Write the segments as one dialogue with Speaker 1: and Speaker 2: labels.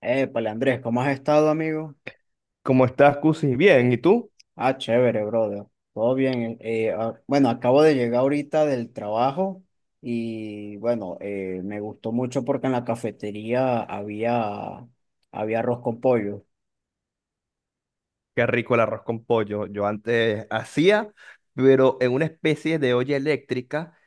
Speaker 1: Épale, Andrés, ¿cómo has estado, amigo?
Speaker 2: ¿Cómo estás, Cusi? Bien, ¿y tú?
Speaker 1: Ah, chévere, brother. Todo bien. Bueno, acabo de llegar ahorita del trabajo y bueno, me gustó mucho porque en la cafetería había arroz con pollo.
Speaker 2: Qué rico el arroz con pollo. Yo antes hacía, pero en una especie de olla eléctrica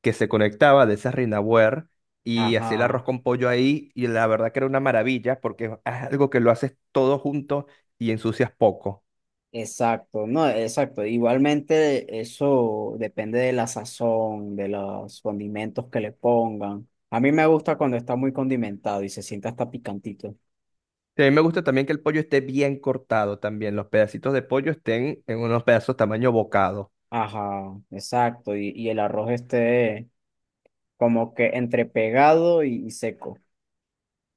Speaker 2: que se conectaba de esa Rinaware y hacía el arroz
Speaker 1: Ajá,
Speaker 2: con pollo ahí y la verdad que era una maravilla porque es algo que lo haces todo junto y ensucias poco.
Speaker 1: exacto, no, exacto. Igualmente eso depende de la sazón, de los condimentos que le pongan. A mí me gusta cuando está muy condimentado y se siente hasta picantito.
Speaker 2: A mí me gusta también que el pollo esté bien cortado también, los pedacitos de pollo estén en unos pedazos tamaño bocado.
Speaker 1: Ajá, exacto. Y el arroz este... Como que entre pegado y seco.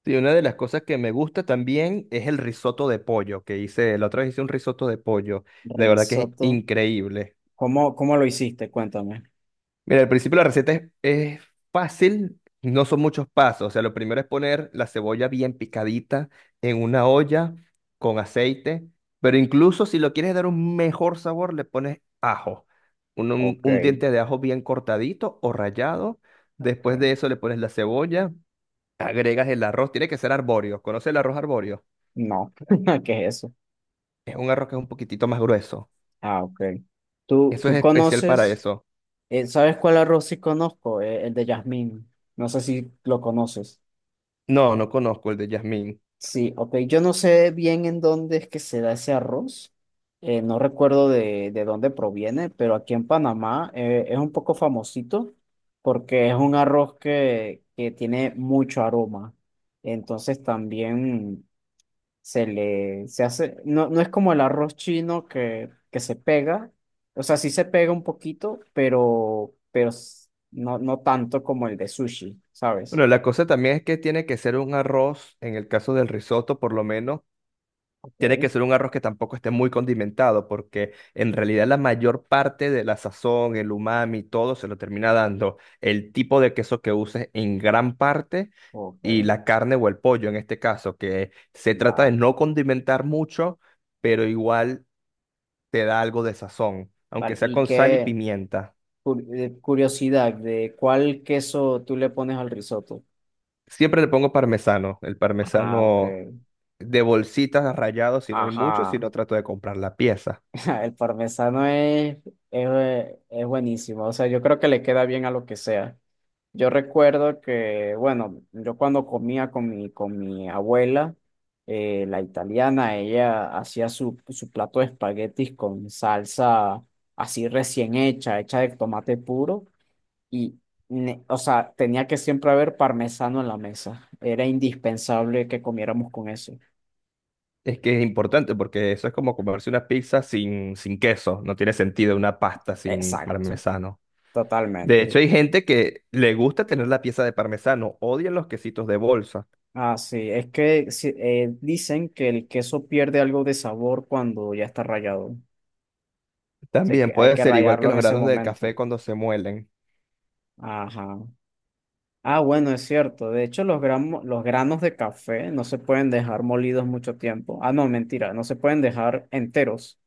Speaker 2: Sí, una de las cosas que me gusta también es el risotto de pollo que hice, la otra vez hice un risotto de pollo, de verdad que es
Speaker 1: Risotto.
Speaker 2: increíble.
Speaker 1: ¿Cómo lo hiciste? Cuéntame.
Speaker 2: Mira, al principio la receta es fácil, no son muchos pasos, o sea, lo primero es poner la cebolla bien picadita en una olla con aceite, pero incluso si lo quieres dar un mejor sabor, le pones ajo, un, un
Speaker 1: Ok.
Speaker 2: un diente de ajo bien cortadito o rallado, después de
Speaker 1: Ok.
Speaker 2: eso le pones la cebolla, agregas el arroz, tiene que ser arbóreo. ¿Conoce el arroz arbóreo?
Speaker 1: No. ¿Qué es eso?
Speaker 2: Es un arroz que es un poquitito más grueso.
Speaker 1: Ah, ok. ¿Tú,
Speaker 2: Eso es
Speaker 1: tú
Speaker 2: especial para
Speaker 1: conoces?
Speaker 2: eso.
Speaker 1: ¿Sabes cuál arroz sí conozco? El de jazmín. No sé si lo conoces.
Speaker 2: No, no conozco el de jazmín.
Speaker 1: Sí, ok. Yo no sé bien en dónde es que se da ese arroz. No recuerdo de dónde proviene, pero aquí en Panamá es un poco famosito porque es un arroz que tiene mucho aroma. Entonces también se hace, no, no es como el arroz chino que se pega. O sea, sí se pega un poquito, pero no, no tanto como el de sushi, ¿sabes?
Speaker 2: Bueno, la cosa también es que tiene que ser un arroz, en el caso del risotto por lo menos,
Speaker 1: Ok,
Speaker 2: tiene que ser un arroz que tampoco esté muy condimentado, porque en realidad la mayor parte de la sazón, el umami, todo se lo termina dando el tipo de queso que uses en gran parte
Speaker 1: ok.
Speaker 2: y la carne o el pollo en este caso, que se trata de
Speaker 1: Vale.
Speaker 2: no condimentar mucho, pero igual te da algo de sazón, aunque
Speaker 1: Vale,
Speaker 2: sea
Speaker 1: ¿y
Speaker 2: con sal y
Speaker 1: qué?
Speaker 2: pimienta.
Speaker 1: Curiosidad de cuál queso tú le pones al risotto.
Speaker 2: Siempre le pongo parmesano, el
Speaker 1: Ah, ok.
Speaker 2: parmesano de bolsitas rallado si no hay mucho, si
Speaker 1: Ajá.
Speaker 2: no trato de comprar la pieza.
Speaker 1: El parmesano es buenísimo. O sea, yo creo que le queda bien a lo que sea. Yo recuerdo que, bueno, yo cuando comía con mi abuela, la italiana, ella hacía su plato de espaguetis con salsa así recién hecha de tomate puro. Y, ne- o sea, tenía que siempre haber parmesano en la mesa. Era indispensable que comiéramos con eso.
Speaker 2: Es que es importante porque eso es como comerse una pizza sin, sin queso, no tiene sentido una pasta sin
Speaker 1: Exacto,
Speaker 2: parmesano. De hecho,
Speaker 1: totalmente.
Speaker 2: hay gente que le gusta tener la pieza de parmesano, odian los quesitos de bolsa.
Speaker 1: Así, es que dicen que el queso pierde algo de sabor cuando ya está rallado. Así
Speaker 2: También
Speaker 1: que hay
Speaker 2: puede
Speaker 1: que
Speaker 2: ser igual que
Speaker 1: rallarlo
Speaker 2: los
Speaker 1: en ese
Speaker 2: granos del
Speaker 1: momento.
Speaker 2: café cuando se muelen.
Speaker 1: Ajá. Ah, bueno, es cierto. De hecho, los granos de café no se pueden dejar molidos mucho tiempo. Ah, no, mentira, no se pueden dejar enteros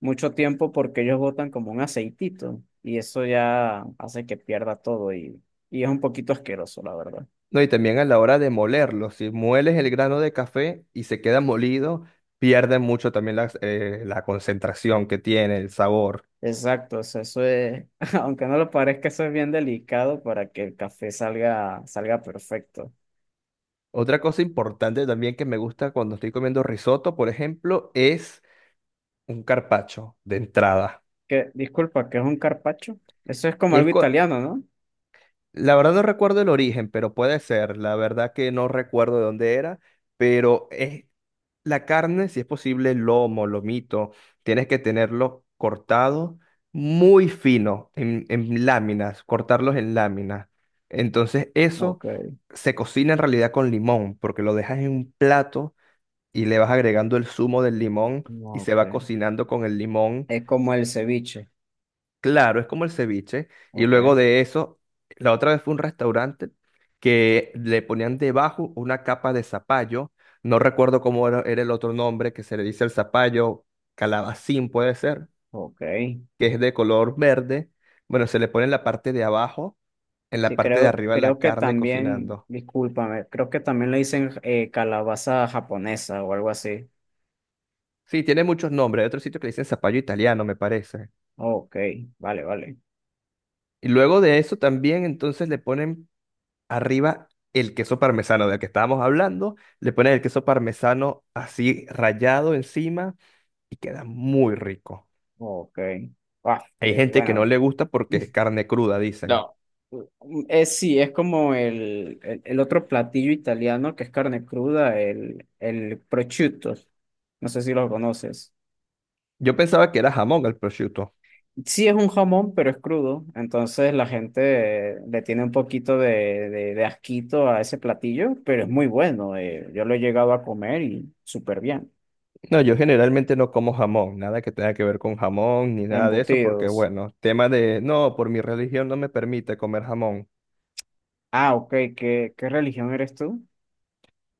Speaker 1: mucho tiempo porque ellos botan como un aceitito y eso ya hace que pierda todo y es un poquito asqueroso, la verdad.
Speaker 2: No, y también a la hora de molerlo, si mueles el grano de café y se queda molido, pierde mucho también las, la concentración que tiene, el sabor.
Speaker 1: Exacto, eso es, aunque no lo parezca, eso es bien delicado para que el café salga perfecto.
Speaker 2: Otra cosa importante también que me gusta cuando estoy comiendo risotto, por ejemplo, es un carpaccio de entrada.
Speaker 1: Que, disculpa, ¿qué es un carpaccio? Eso es como
Speaker 2: Es,
Speaker 1: algo
Speaker 2: cu-
Speaker 1: italiano, ¿no?
Speaker 2: La verdad no recuerdo el origen, pero puede ser. La verdad que no recuerdo de dónde era, pero es la carne, si es posible, lomo, lomito, tienes que tenerlo cortado muy fino, en láminas, cortarlos en láminas. Entonces eso
Speaker 1: Ok,
Speaker 2: se cocina en realidad con limón, porque lo dejas en un plato y le vas agregando el zumo del limón y se
Speaker 1: ok.
Speaker 2: va cocinando con el limón.
Speaker 1: Es como el ceviche.
Speaker 2: Claro, es como el ceviche. Y
Speaker 1: Ok,
Speaker 2: luego de eso, la otra vez fue un restaurante que le ponían debajo una capa de zapallo. No recuerdo cómo era, era el otro nombre que se le dice el zapallo, calabacín puede ser,
Speaker 1: ok.
Speaker 2: que es de color verde. Bueno, se le pone en la parte de abajo, en la
Speaker 1: Sí,
Speaker 2: parte de arriba la
Speaker 1: creo que
Speaker 2: carne
Speaker 1: también,
Speaker 2: cocinando.
Speaker 1: discúlpame, creo que también le dicen calabaza japonesa o algo así.
Speaker 2: Sí, tiene muchos nombres. Hay otro sitio que le dicen zapallo italiano, me parece.
Speaker 1: Ok, vale, vale.
Speaker 2: Y luego de eso también entonces le ponen arriba el queso parmesano del que estábamos hablando, le pones el queso parmesano así rallado encima y queda muy rico.
Speaker 1: Ok.
Speaker 2: Hay gente que no
Speaker 1: Bueno,
Speaker 2: le gusta porque es carne cruda, dicen.
Speaker 1: No, es sí, es como el otro platillo italiano que es carne cruda, el prosciutto. No sé si lo conoces.
Speaker 2: Yo pensaba que era jamón el prosciutto.
Speaker 1: Sí es un jamón, pero es crudo, entonces la gente le tiene un poquito de asquito a ese platillo, pero es muy bueno. Yo lo he llegado a comer y súper bien.
Speaker 2: No, yo generalmente no como jamón, nada que tenga que ver con jamón ni nada de eso, porque
Speaker 1: Embutidos.
Speaker 2: bueno, tema de, no, por mi religión no me permite comer jamón.
Speaker 1: Ah, ok, ¿qué religión eres tú?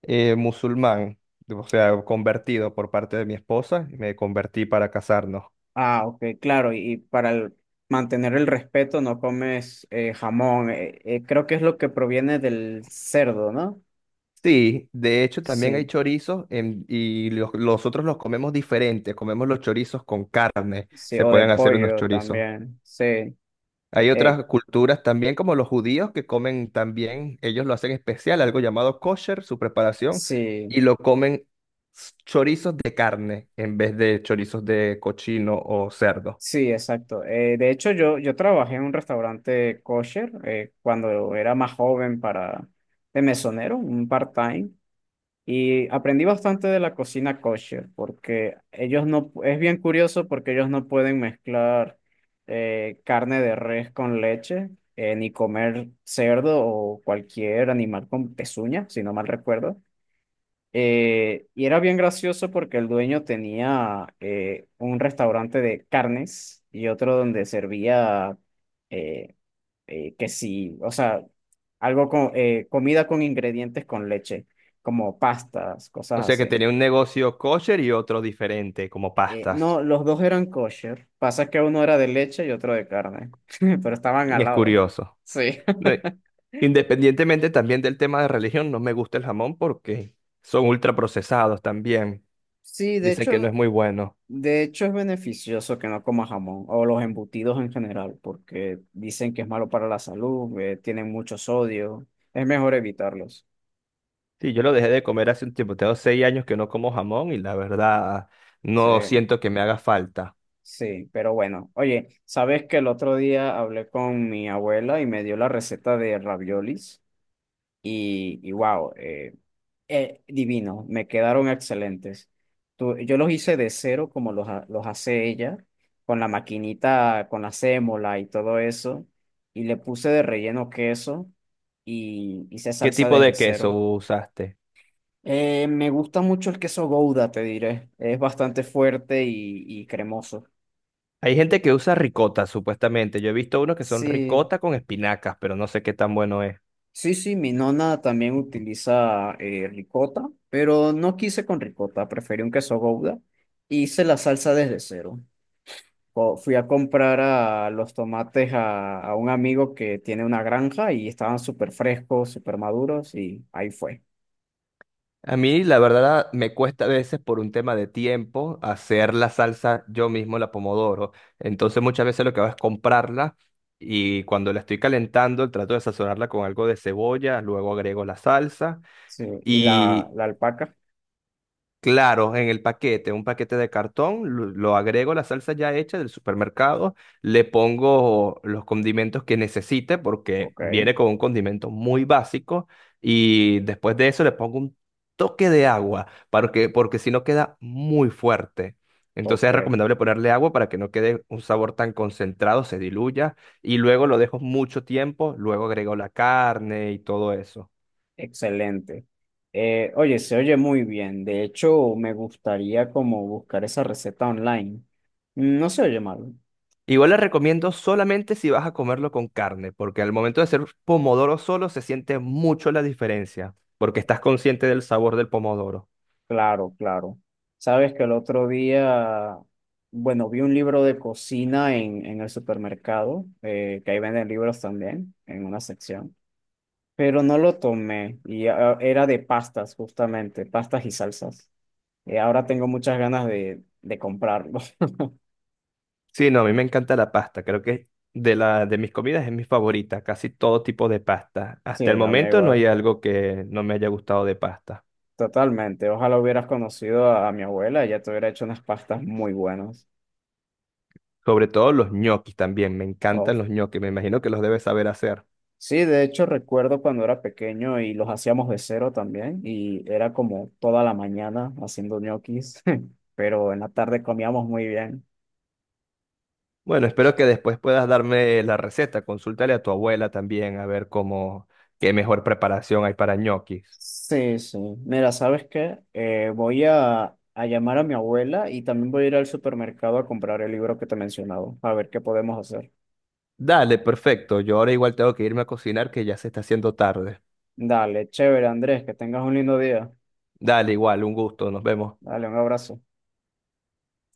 Speaker 2: Musulmán, o sea, convertido por parte de mi esposa, me convertí para casarnos.
Speaker 1: Ah, ok, claro, y para el- mantener el respeto no comes jamón, creo que es lo que proviene del cerdo, ¿no?
Speaker 2: Sí, de hecho también hay
Speaker 1: Sí,
Speaker 2: chorizos en- y los, nosotros los comemos diferentes, comemos los chorizos con carne,
Speaker 1: sí,
Speaker 2: se
Speaker 1: o de
Speaker 2: pueden hacer unos
Speaker 1: pollo
Speaker 2: chorizos.
Speaker 1: también, sí,
Speaker 2: Hay
Speaker 1: eh,
Speaker 2: otras culturas también como los judíos que comen también, ellos lo hacen especial, algo llamado kosher, su preparación,
Speaker 1: sí,
Speaker 2: y lo comen s- chorizos de carne en vez de chorizos de cochino o cerdo.
Speaker 1: sí, exacto. De hecho, yo trabajé en un restaurante kosher cuando era más joven para, de mesonero, un part-time. Y aprendí bastante de la cocina kosher, porque ellos no, es bien curioso porque ellos no pueden mezclar carne de res con leche, ni comer cerdo o cualquier animal con pezuña, si no mal recuerdo. Y era bien gracioso porque el dueño tenía un restaurante de carnes y otro donde servía eh, que sí, o sea, algo con comida con ingredientes con leche, como pastas,
Speaker 2: O
Speaker 1: cosas
Speaker 2: sea que
Speaker 1: así.
Speaker 2: tenía un negocio kosher y otro diferente, como pastas.
Speaker 1: No, los dos eran kosher. Pasa que uno era de leche y otro de carne, pero estaban al
Speaker 2: Es
Speaker 1: lado.
Speaker 2: curioso.
Speaker 1: Sí.
Speaker 2: Re- Independientemente también del tema de religión, no me gusta el jamón porque son ultraprocesados también.
Speaker 1: Sí, de
Speaker 2: Dicen que no es
Speaker 1: hecho,
Speaker 2: muy bueno.
Speaker 1: de hecho es beneficioso que no comas jamón o los embutidos en general, porque dicen que es malo para la salud, tienen mucho sodio, es mejor evitarlos.
Speaker 2: Sí, yo lo dejé de comer hace un tiempo. Tengo 6 años que no como jamón y la verdad no
Speaker 1: Sí.
Speaker 2: siento que me haga falta.
Speaker 1: Sí, pero bueno, oye, ¿sabes que el otro día hablé con mi abuela y me dio la receta de raviolis? Y wow, divino, me quedaron excelentes. Tú- yo los hice de cero como los hace ella, con la maquinita, con la sémola y todo eso, y le puse de relleno queso y hice
Speaker 2: ¿Qué
Speaker 1: salsa
Speaker 2: tipo
Speaker 1: desde
Speaker 2: de queso
Speaker 1: cero.
Speaker 2: usaste?
Speaker 1: Me gusta mucho el queso Gouda, te diré, es bastante fuerte y cremoso.
Speaker 2: Hay gente que usa ricota, supuestamente. Yo he visto unos que son
Speaker 1: Sí,
Speaker 2: ricota con espinacas, pero no sé qué tan bueno es.
Speaker 1: Sí, mi nona también utiliza ricota, pero no quise con ricota, preferí un queso gouda. Hice la salsa desde cero. Co- Fui a comprar a los tomates a un amigo que tiene una granja y estaban súper frescos, súper maduros y ahí fue.
Speaker 2: A mí, la verdad, me cuesta a veces por un tema de tiempo hacer la salsa yo mismo, la pomodoro. Entonces, muchas veces lo que hago es comprarla y cuando la estoy calentando, trato de sazonarla con algo de cebolla, luego agrego la salsa
Speaker 1: Sí,
Speaker 2: y.
Speaker 1: la alpaca.
Speaker 2: Claro, en el paquete, un paquete de cartón, lo agrego la salsa ya hecha del supermercado, le pongo los condimentos que necesite porque
Speaker 1: Ok,
Speaker 2: viene con un condimento muy básico y después de eso le pongo un toque de agua para que, porque si no queda muy fuerte. Entonces
Speaker 1: ok,
Speaker 2: es recomendable ponerle agua para que no quede un sabor tan concentrado, se diluya y luego lo dejo mucho tiempo, luego agrego la carne y todo eso.
Speaker 1: excelente. Oye, se oye muy bien. De hecho, me gustaría como buscar esa receta online. No se oye mal.
Speaker 2: Igual la recomiendo solamente si vas a comerlo con carne, porque al momento de hacer pomodoro solo se siente mucho la diferencia, porque estás consciente del sabor del pomodoro.
Speaker 1: Claro, claro. Sabes que el otro día, bueno, vi un libro de cocina en el supermercado, que ahí venden libros también, en una sección, pero no lo tomé y ah, era de pastas, justamente, pastas y salsas. Y ahora tengo muchas ganas de comprarlo.
Speaker 2: Sí, no, a mí me encanta la pasta, creo que de la de mis comidas es mi favorita, casi todo tipo de pasta.
Speaker 1: Sí,
Speaker 2: Hasta el
Speaker 1: la mía
Speaker 2: momento no
Speaker 1: igual,
Speaker 2: hay algo que no me haya gustado de pasta.
Speaker 1: totalmente. Ojalá hubieras conocido a mi abuela, ella te hubiera hecho unas pastas muy buenas.
Speaker 2: Sobre todo los ñoquis también, me encantan los ñoquis, me imagino que los debes saber hacer.
Speaker 1: Sí, de hecho recuerdo cuando era pequeño y los hacíamos de cero también y era como toda la mañana haciendo ñoquis, pero en la tarde comíamos muy bien.
Speaker 2: Bueno, espero que después puedas darme la receta, consúltale a tu abuela también a ver cómo qué mejor preparación hay para ñoquis.
Speaker 1: Sí, sí. Mira, ¿sabes qué? Voy a llamar a mi abuela y también voy a ir al supermercado a comprar el libro que te he mencionado a ver qué podemos hacer.
Speaker 2: Dale, perfecto. Yo ahora igual tengo que irme a cocinar que ya se está haciendo tarde.
Speaker 1: Dale, chévere, Andrés, que tengas un lindo día.
Speaker 2: Dale, igual, un gusto. Nos vemos.
Speaker 1: Dale, un abrazo.